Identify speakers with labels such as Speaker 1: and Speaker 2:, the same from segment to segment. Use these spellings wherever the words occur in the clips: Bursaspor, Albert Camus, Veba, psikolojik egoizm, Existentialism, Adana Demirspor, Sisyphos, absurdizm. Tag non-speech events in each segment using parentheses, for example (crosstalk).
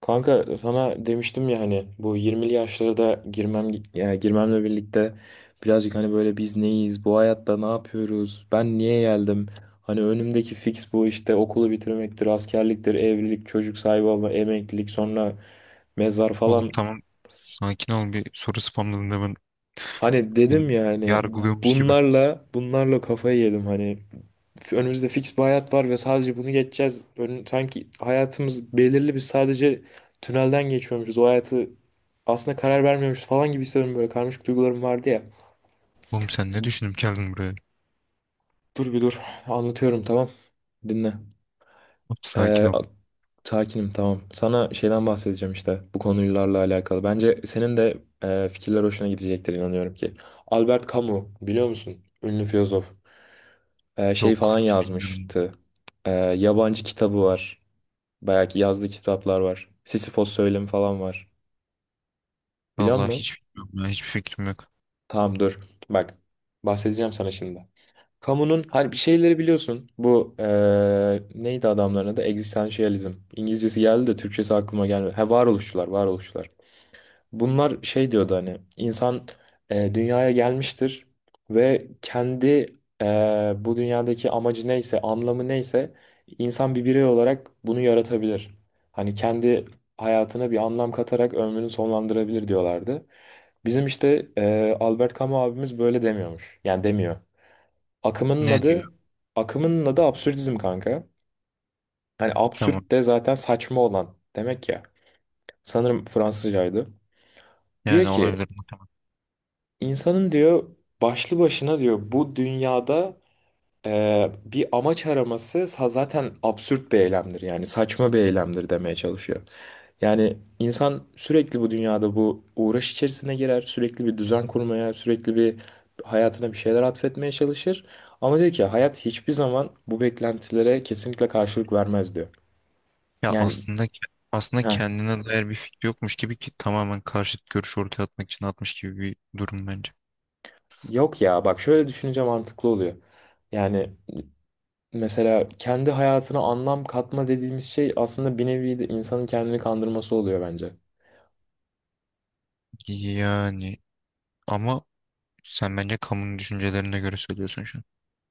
Speaker 1: Kanka sana demiştim ya, hani bu 20'li yaşlara da girmem, ya girmemle birlikte birazcık hani böyle biz neyiz, bu hayatta ne yapıyoruz, ben niye geldim? Hani önümdeki fix bu işte: okulu bitirmektir, askerliktir, evlilik, çocuk sahibi olma, emeklilik, sonra mezar
Speaker 2: Oğlum
Speaker 1: falan.
Speaker 2: tamam, sakin ol bir soru spamladığında ben
Speaker 1: Hani
Speaker 2: beni
Speaker 1: dedim ya hani
Speaker 2: yargılıyormuş gibi.
Speaker 1: bunlarla kafayı yedim hani. Önümüzde fix bir hayat var ve sadece bunu geçeceğiz. Ön, sanki hayatımız belirli bir sadece tünelden geçiyormuşuz. O hayatı aslında karar vermiyormuşuz falan gibi hissediyorum, böyle karmaşık duygularım vardı ya.
Speaker 2: Oğlum sen ne düşünüp geldin buraya?
Speaker 1: Dur bir dur, anlatıyorum, tamam, dinle.
Speaker 2: Sakin
Speaker 1: Ee,
Speaker 2: ol.
Speaker 1: a- Sakinim, tamam. Sana şeyden bahsedeceğim, işte bu konularla alakalı. Bence senin de fikirler hoşuna gidecektir, inanıyorum ki. Albert Camus biliyor musun? Ünlü filozof. Şey
Speaker 2: Yok,
Speaker 1: falan
Speaker 2: hiç bilmiyorum.
Speaker 1: yazmıştı. Yabancı kitabı var. Bayağı ki yazdığı kitaplar var. Sisyphos söylemi falan var. Biliyor
Speaker 2: Vallahi
Speaker 1: musun?
Speaker 2: hiç bilmiyorum ya, hiçbir fikrim yok.
Speaker 1: Tamam dur. Bak, bahsedeceğim sana şimdi. Kamunun hani bir şeyleri biliyorsun. Bu neydi adamların adı? Existentialism. İngilizcesi geldi de Türkçesi aklıma gelmedi. Ha, varoluşçular, varoluşçular. Bunlar şey diyordu, hani insan dünyaya gelmiştir ve kendi bu dünyadaki amacı neyse, anlamı neyse, insan bir birey olarak bunu yaratabilir. Hani kendi hayatına bir anlam katarak ömrünü sonlandırabilir diyorlardı. Bizim işte Albert Camus abimiz böyle demiyormuş. Yani demiyor. Akımının
Speaker 2: Ne diyor?
Speaker 1: adı akımının adı absürdizm kanka. Hani
Speaker 2: Tamam,
Speaker 1: absürt de zaten saçma olan demek ya. Sanırım Fransızcaydı. Diyor
Speaker 2: yani
Speaker 1: ki,
Speaker 2: olabilir mi?
Speaker 1: insanın diyor, başlı başına diyor, bu dünyada bir amaç araması zaten absürt bir eylemdir, yani saçma bir eylemdir demeye çalışıyor. Yani insan sürekli bu dünyada bu uğraş içerisine girer, sürekli bir düzen kurmaya, sürekli bir hayatına bir şeyler atfetmeye çalışır. Ama diyor ki, hayat hiçbir zaman bu beklentilere kesinlikle karşılık vermez diyor.
Speaker 2: Ya
Speaker 1: Yani
Speaker 2: aslında aslında
Speaker 1: ha,
Speaker 2: kendine dair bir fikri yokmuş gibi, ki tamamen karşıt görüş ortaya atmak için atmış gibi bir durum bence.
Speaker 1: yok ya, bak şöyle düşününce mantıklı oluyor. Yani mesela kendi hayatına anlam katma dediğimiz şey aslında bir nevi de insanın kendini kandırması oluyor bence.
Speaker 2: Yani ama sen bence kamunun düşüncelerine göre söylüyorsun şu an.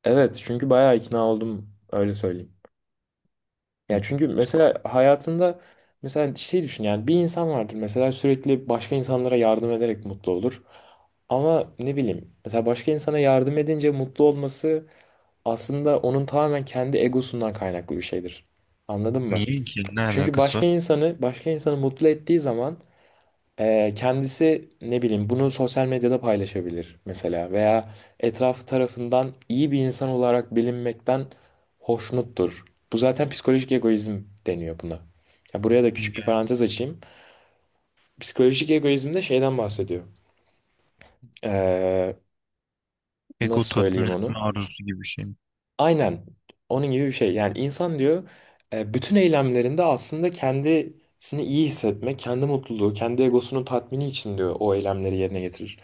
Speaker 1: Evet, çünkü bayağı ikna oldum, öyle söyleyeyim. Ya
Speaker 2: Hı.
Speaker 1: çünkü mesela hayatında, mesela şey düşün, yani bir insan vardır mesela, sürekli başka insanlara yardım ederek mutlu olur. Ama ne bileyim, mesela başka insana yardım edince mutlu olması aslında onun tamamen kendi egosundan kaynaklı bir şeydir. Anladın mı?
Speaker 2: Niye ki? Ne
Speaker 1: Çünkü
Speaker 2: alakası
Speaker 1: başka
Speaker 2: var?
Speaker 1: insanı başka insanı mutlu ettiği zaman kendisi ne bileyim bunu sosyal medyada paylaşabilir mesela, veya etrafı tarafından iyi bir insan olarak bilinmekten hoşnuttur. Bu zaten psikolojik egoizm deniyor buna. Ya buraya da küçük bir
Speaker 2: Yani
Speaker 1: parantez açayım. Psikolojik egoizm de şeyden bahsediyor. Ee,
Speaker 2: ego
Speaker 1: Nasıl
Speaker 2: tatmin
Speaker 1: söyleyeyim
Speaker 2: etme
Speaker 1: onu?
Speaker 2: arzusu gibi bir şey mi?
Speaker 1: Aynen onun gibi bir şey. Yani insan diyor, bütün eylemlerinde aslında kendisini iyi hissetmek, kendi mutluluğu, kendi egosunun tatmini için diyor o eylemleri yerine getirir.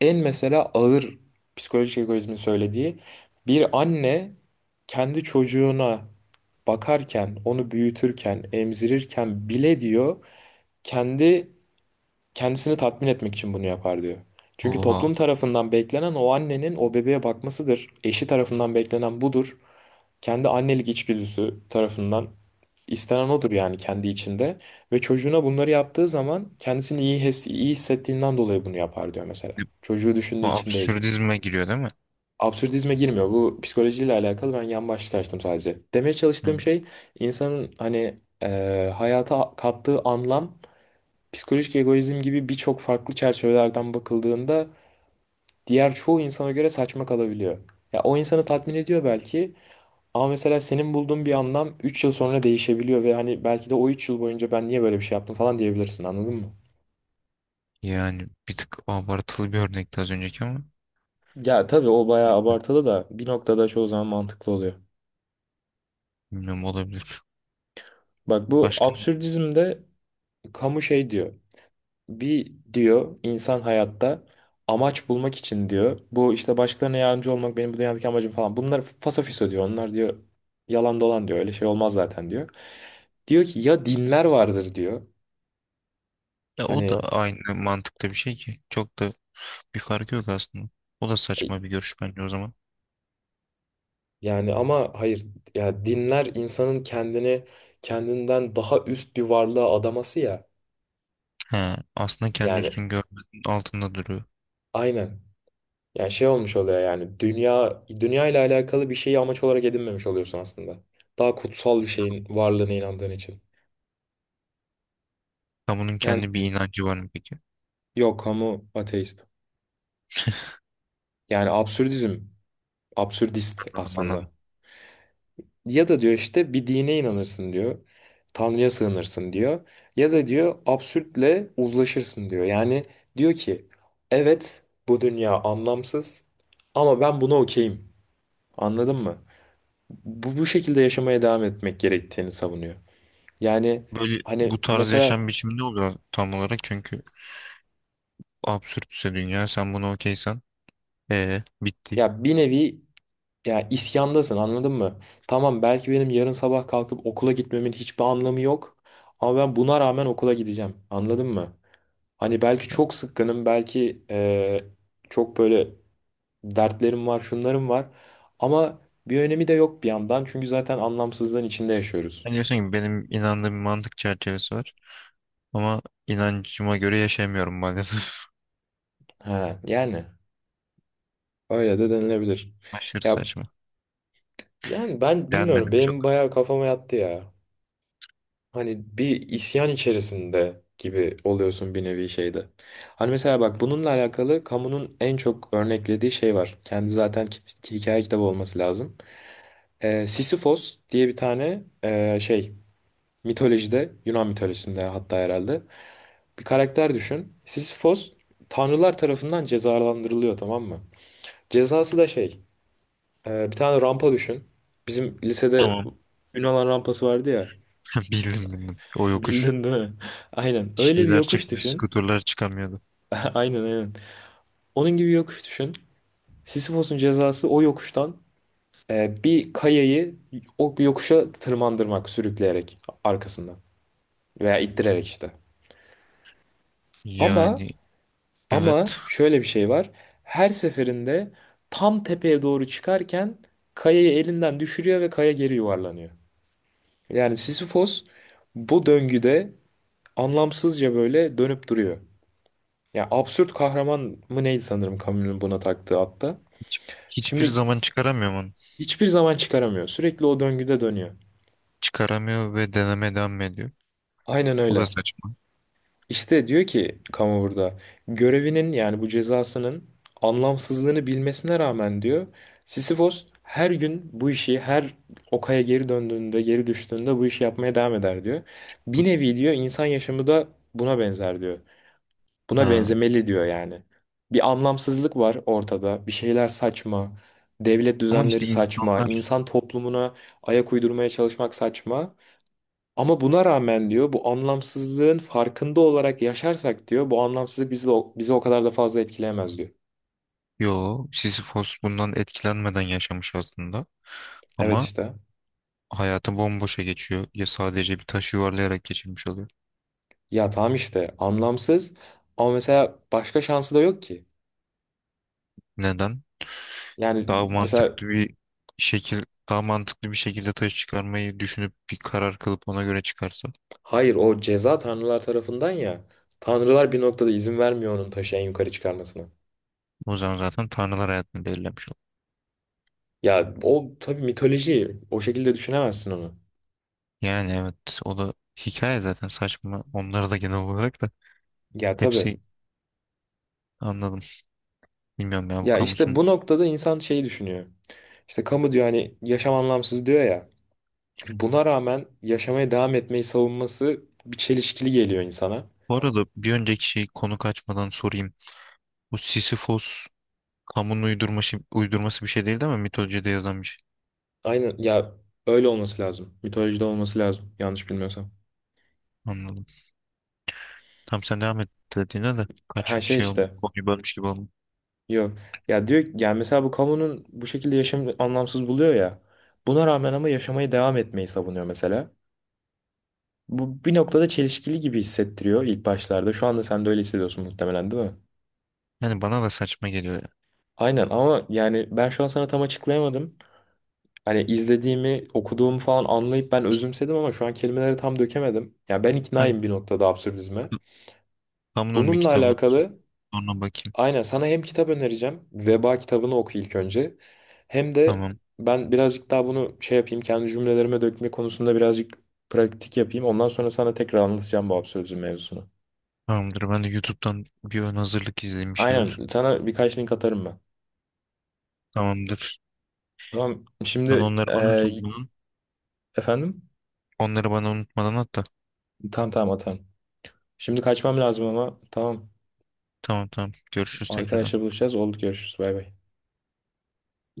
Speaker 1: En mesela ağır psikolojik egoizmin söylediği, bir anne kendi çocuğuna bakarken, onu büyütürken, emzirirken bile diyor kendi kendisini tatmin etmek için bunu yapar diyor. Çünkü
Speaker 2: Oha.
Speaker 1: toplum tarafından beklenen o annenin o bebeğe bakmasıdır. Eşi tarafından beklenen budur, kendi annelik içgüdüsü tarafından istenen odur, yani kendi içinde. Ve çocuğuna bunları yaptığı zaman kendisini iyi, his, iyi hissettiğinden dolayı bunu yapar diyor mesela.
Speaker 2: E,
Speaker 1: Çocuğu
Speaker 2: Bu
Speaker 1: düşündüğü için değil.
Speaker 2: absürdizme giriyor değil mi?
Speaker 1: Absürdizme girmiyor. Bu psikolojiyle alakalı, ben yan başlık açtım sadece. Demeye
Speaker 2: Hı.
Speaker 1: çalıştığım şey, insanın hani hayata kattığı anlam, psikolojik egoizm gibi birçok farklı çerçevelerden bakıldığında diğer çoğu insana göre saçma kalabiliyor. Ya o insanı tatmin ediyor belki, ama mesela senin bulduğun bir anlam 3 yıl sonra değişebiliyor ve hani belki de o 3 yıl boyunca ben niye böyle bir şey yaptım falan diyebilirsin, anladın mı?
Speaker 2: Yani bir tık abartılı bir örnekti az önceki ama
Speaker 1: Ya tabii o bayağı abartılı da, bir noktada çoğu zaman mantıklı oluyor.
Speaker 2: bilmiyorum, olabilir.
Speaker 1: Bak, bu
Speaker 2: Başka
Speaker 1: absürdizmde Camus şey diyor. Bir diyor, insan hayatta amaç bulmak için diyor. Bu işte başkalarına yardımcı olmak benim bu dünyadaki amacım falan. Bunlar fasafiso diyor. Onlar diyor yalan dolan diyor. Öyle şey olmaz zaten diyor. Diyor ki, ya dinler vardır diyor.
Speaker 2: ya, o da
Speaker 1: Hani
Speaker 2: aynı mantıkta bir şey ki. Çok da bir farkı yok aslında. O da
Speaker 1: e,
Speaker 2: saçma bir görüş bence o zaman.
Speaker 1: yani ama hayır, ya dinler insanın kendini kendinden daha üst bir varlığa adaması ya.
Speaker 2: He, aslında kendi
Speaker 1: Yani
Speaker 2: üstün görmenin altında duruyor.
Speaker 1: aynen. Yani şey olmuş oluyor, yani dünya, dünya ile alakalı bir şeyi amaç olarak edinmemiş oluyorsun aslında. Daha kutsal bir şeyin varlığına inandığın için.
Speaker 2: Kamunun
Speaker 1: Yani
Speaker 2: kendi bir inancı var mı peki?
Speaker 1: yok, kamu ateist. Yani absürdizm, absürdist
Speaker 2: Anladım, anladım.
Speaker 1: aslında. Ya da diyor işte, bir dine inanırsın diyor. Tanrı'ya sığınırsın diyor. Ya da diyor absürtle uzlaşırsın diyor. Yani diyor ki, evet bu dünya anlamsız ama ben buna okeyim. Anladın mı? Bu, bu şekilde yaşamaya devam etmek gerektiğini savunuyor. Yani
Speaker 2: Böyle
Speaker 1: hani
Speaker 2: bu tarz
Speaker 1: mesela,
Speaker 2: yaşam biçimi ne oluyor tam olarak? Çünkü absürtse dünya, sen bunu okeysen bitti.
Speaker 1: ya bir nevi ya isyandasın, anladın mı? Tamam, belki benim yarın sabah kalkıp okula gitmemin hiçbir anlamı yok. Ama ben buna rağmen okula gideceğim. Anladın mı? Hani belki çok sıkkınım, belki çok böyle dertlerim var, şunlarım var. Ama bir önemi de yok bir yandan. Çünkü zaten anlamsızlığın içinde yaşıyoruz.
Speaker 2: Ben, diyorsun ki benim inandığım bir mantık çerçevesi var. Ama inancıma göre yaşayamıyorum maalesef.
Speaker 1: Ha, yani öyle de denilebilir.
Speaker 2: (laughs) Aşırı
Speaker 1: Ya
Speaker 2: saçma.
Speaker 1: yani ben bilmiyorum.
Speaker 2: Beğenmedim
Speaker 1: Benim
Speaker 2: çok.
Speaker 1: bayağı kafama yattı ya. Hani bir isyan içerisinde gibi oluyorsun bir nevi şeyde. Hani mesela bak, bununla alakalı kamunun en çok örneklediği şey var. Kendi zaten hikaye kitabı olması lazım. E, Sisyphos diye bir tane e, şey. Mitolojide, Yunan mitolojisinde hatta herhalde, bir karakter düşün. Sisyphos tanrılar tarafından cezalandırılıyor, tamam mı? Cezası da şey, e, bir tane rampa düşün. Bizim lisede
Speaker 2: Tamam.
Speaker 1: Yunan rampası vardı ya.
Speaker 2: (laughs) Bildim, bildim. O
Speaker 1: (laughs)
Speaker 2: yokuş.
Speaker 1: Bildin değil mi? (laughs) Aynen. Öyle bir
Speaker 2: Şeyler
Speaker 1: yokuş
Speaker 2: çıkmıyor.
Speaker 1: düşün.
Speaker 2: Skuterlar çıkamıyordu.
Speaker 1: (laughs) Aynen aynen. Onun gibi yokuş düşün. Sisyphos'un cezası o yokuştan e, bir kayayı o yokuşa tırmandırmak, sürükleyerek arkasından veya ittirerek işte. Ama
Speaker 2: Yani
Speaker 1: Ama
Speaker 2: evet.
Speaker 1: şöyle bir şey var. Her seferinde tam tepeye doğru çıkarken kayayı elinden düşürüyor ve kaya geri yuvarlanıyor. Yani Sisyphos bu döngüde anlamsızca böyle dönüp duruyor. Ya absürt kahraman mı neydi, sanırım Camus'un buna taktığı hatta.
Speaker 2: Hiç- Hiçbir
Speaker 1: Şimdi
Speaker 2: zaman çıkaramıyor onu.
Speaker 1: hiçbir zaman çıkaramıyor. Sürekli o döngüde dönüyor.
Speaker 2: Çıkaramıyor ve deneme devam ediyor.
Speaker 1: Aynen
Speaker 2: O
Speaker 1: öyle.
Speaker 2: da saçma.
Speaker 1: İşte diyor ki kamu burada, görevinin yani bu cezasının anlamsızlığını bilmesine rağmen diyor, Sisyphos her gün bu işi, her o kaya geri döndüğünde, geri düştüğünde bu işi yapmaya devam eder diyor. Bir nevi diyor insan yaşamı da buna benzer diyor. Buna
Speaker 2: Ha.
Speaker 1: benzemeli diyor yani. Bir anlamsızlık var ortada. Bir şeyler saçma. Devlet
Speaker 2: Ama
Speaker 1: düzenleri
Speaker 2: işte
Speaker 1: saçma.
Speaker 2: insanlar.
Speaker 1: İnsan toplumuna ayak uydurmaya çalışmak saçma. Ama buna rağmen diyor, bu anlamsızlığın farkında olarak yaşarsak diyor, bu anlamsızlık bizi, bizi o kadar da fazla etkileyemez diyor.
Speaker 2: Yo, Sisyphos bundan etkilenmeden yaşamış aslında.
Speaker 1: Evet,
Speaker 2: Ama
Speaker 1: işte.
Speaker 2: hayatı bomboşa geçiyor. Ya sadece bir taşı yuvarlayarak geçirmiş oluyor.
Speaker 1: Ya tamam işte anlamsız, ama mesela başka şansı da yok ki.
Speaker 2: Neden?
Speaker 1: Yani
Speaker 2: Daha
Speaker 1: mesela,
Speaker 2: mantıklı bir şekil daha mantıklı bir şekilde taş çıkarmayı düşünüp bir karar kılıp ona göre çıkarsa
Speaker 1: hayır o ceza tanrılar tarafından ya. Tanrılar bir noktada izin vermiyor onun taşı en yukarı çıkarmasına.
Speaker 2: o zaman zaten tanrılar hayatını belirlemiş olur.
Speaker 1: Ya o tabii mitoloji, o şekilde düşünemezsin onu.
Speaker 2: Yani evet, o da hikaye zaten, saçma onları da genel olarak da
Speaker 1: Ya tabii.
Speaker 2: hepsi, anladım. Bilmiyorum ya bu
Speaker 1: Ya işte
Speaker 2: kamusun.
Speaker 1: bu noktada insan şeyi düşünüyor. İşte kamu diyor hani yaşam anlamsız diyor ya. Buna rağmen yaşamaya devam etmeyi savunması bir çelişkili geliyor insana.
Speaker 2: Bu arada bir önceki şey, konu kaçmadan sorayım. Bu Sisyphos kamunun uydurması bir şey değil değil mi? Mitolojide yazan bir şey.
Speaker 1: Aynen ya, öyle olması lazım. Mitolojide olması lazım yanlış bilmiyorsam.
Speaker 2: Anladım. Tam sen devam et dediğine de kaç
Speaker 1: Her şey
Speaker 2: şey
Speaker 1: işte.
Speaker 2: olmuş, konuyu bölmüş gibi olmuş.
Speaker 1: Yok. Ya diyor yani, mesela bu kamunun bu şekilde yaşam anlamsız buluyor ya. Buna rağmen ama yaşamaya devam etmeyi savunuyor mesela. Bu bir noktada çelişkili gibi hissettiriyor ilk başlarda. Şu anda sen de öyle hissediyorsun muhtemelen, değil mi?
Speaker 2: Yani bana da saçma geliyor ya.
Speaker 1: Aynen, ama yani ben şu an sana tam açıklayamadım. Hani izlediğimi, okuduğumu falan anlayıp ben özümsedim ama şu an kelimeleri tam dökemedim. Ya ben
Speaker 2: Ben
Speaker 1: iknaayım bir noktada absürdizme.
Speaker 2: Kamunun bir
Speaker 1: Bununla
Speaker 2: kitabını okuyayım.
Speaker 1: alakalı
Speaker 2: Sonra bakayım.
Speaker 1: aynen, sana hem kitap önereceğim. Veba kitabını oku ilk önce. Hem de
Speaker 2: Tamam.
Speaker 1: ben birazcık daha bunu şey yapayım. Kendi cümlelerime dökme konusunda birazcık pratik yapayım. Ondan sonra sana tekrar anlatacağım bu absürdizm mevzusunu.
Speaker 2: Tamamdır. Ben de YouTube'dan bir ön hazırlık izleyeyim bir şeyler.
Speaker 1: Aynen sana birkaç link atarım ben.
Speaker 2: Tamamdır.
Speaker 1: Tamam,
Speaker 2: Sen
Speaker 1: şimdi
Speaker 2: onları bana at.
Speaker 1: efendim?
Speaker 2: Onları bana unutmadan at da.
Speaker 1: Tamam tamam, atarım. Şimdi kaçmam lazım, ama tamam.
Speaker 2: Tamam, tamam. Görüşürüz tekrardan.
Speaker 1: Arkadaşlar buluşacağız. Oldu, görüşürüz. Bay bay.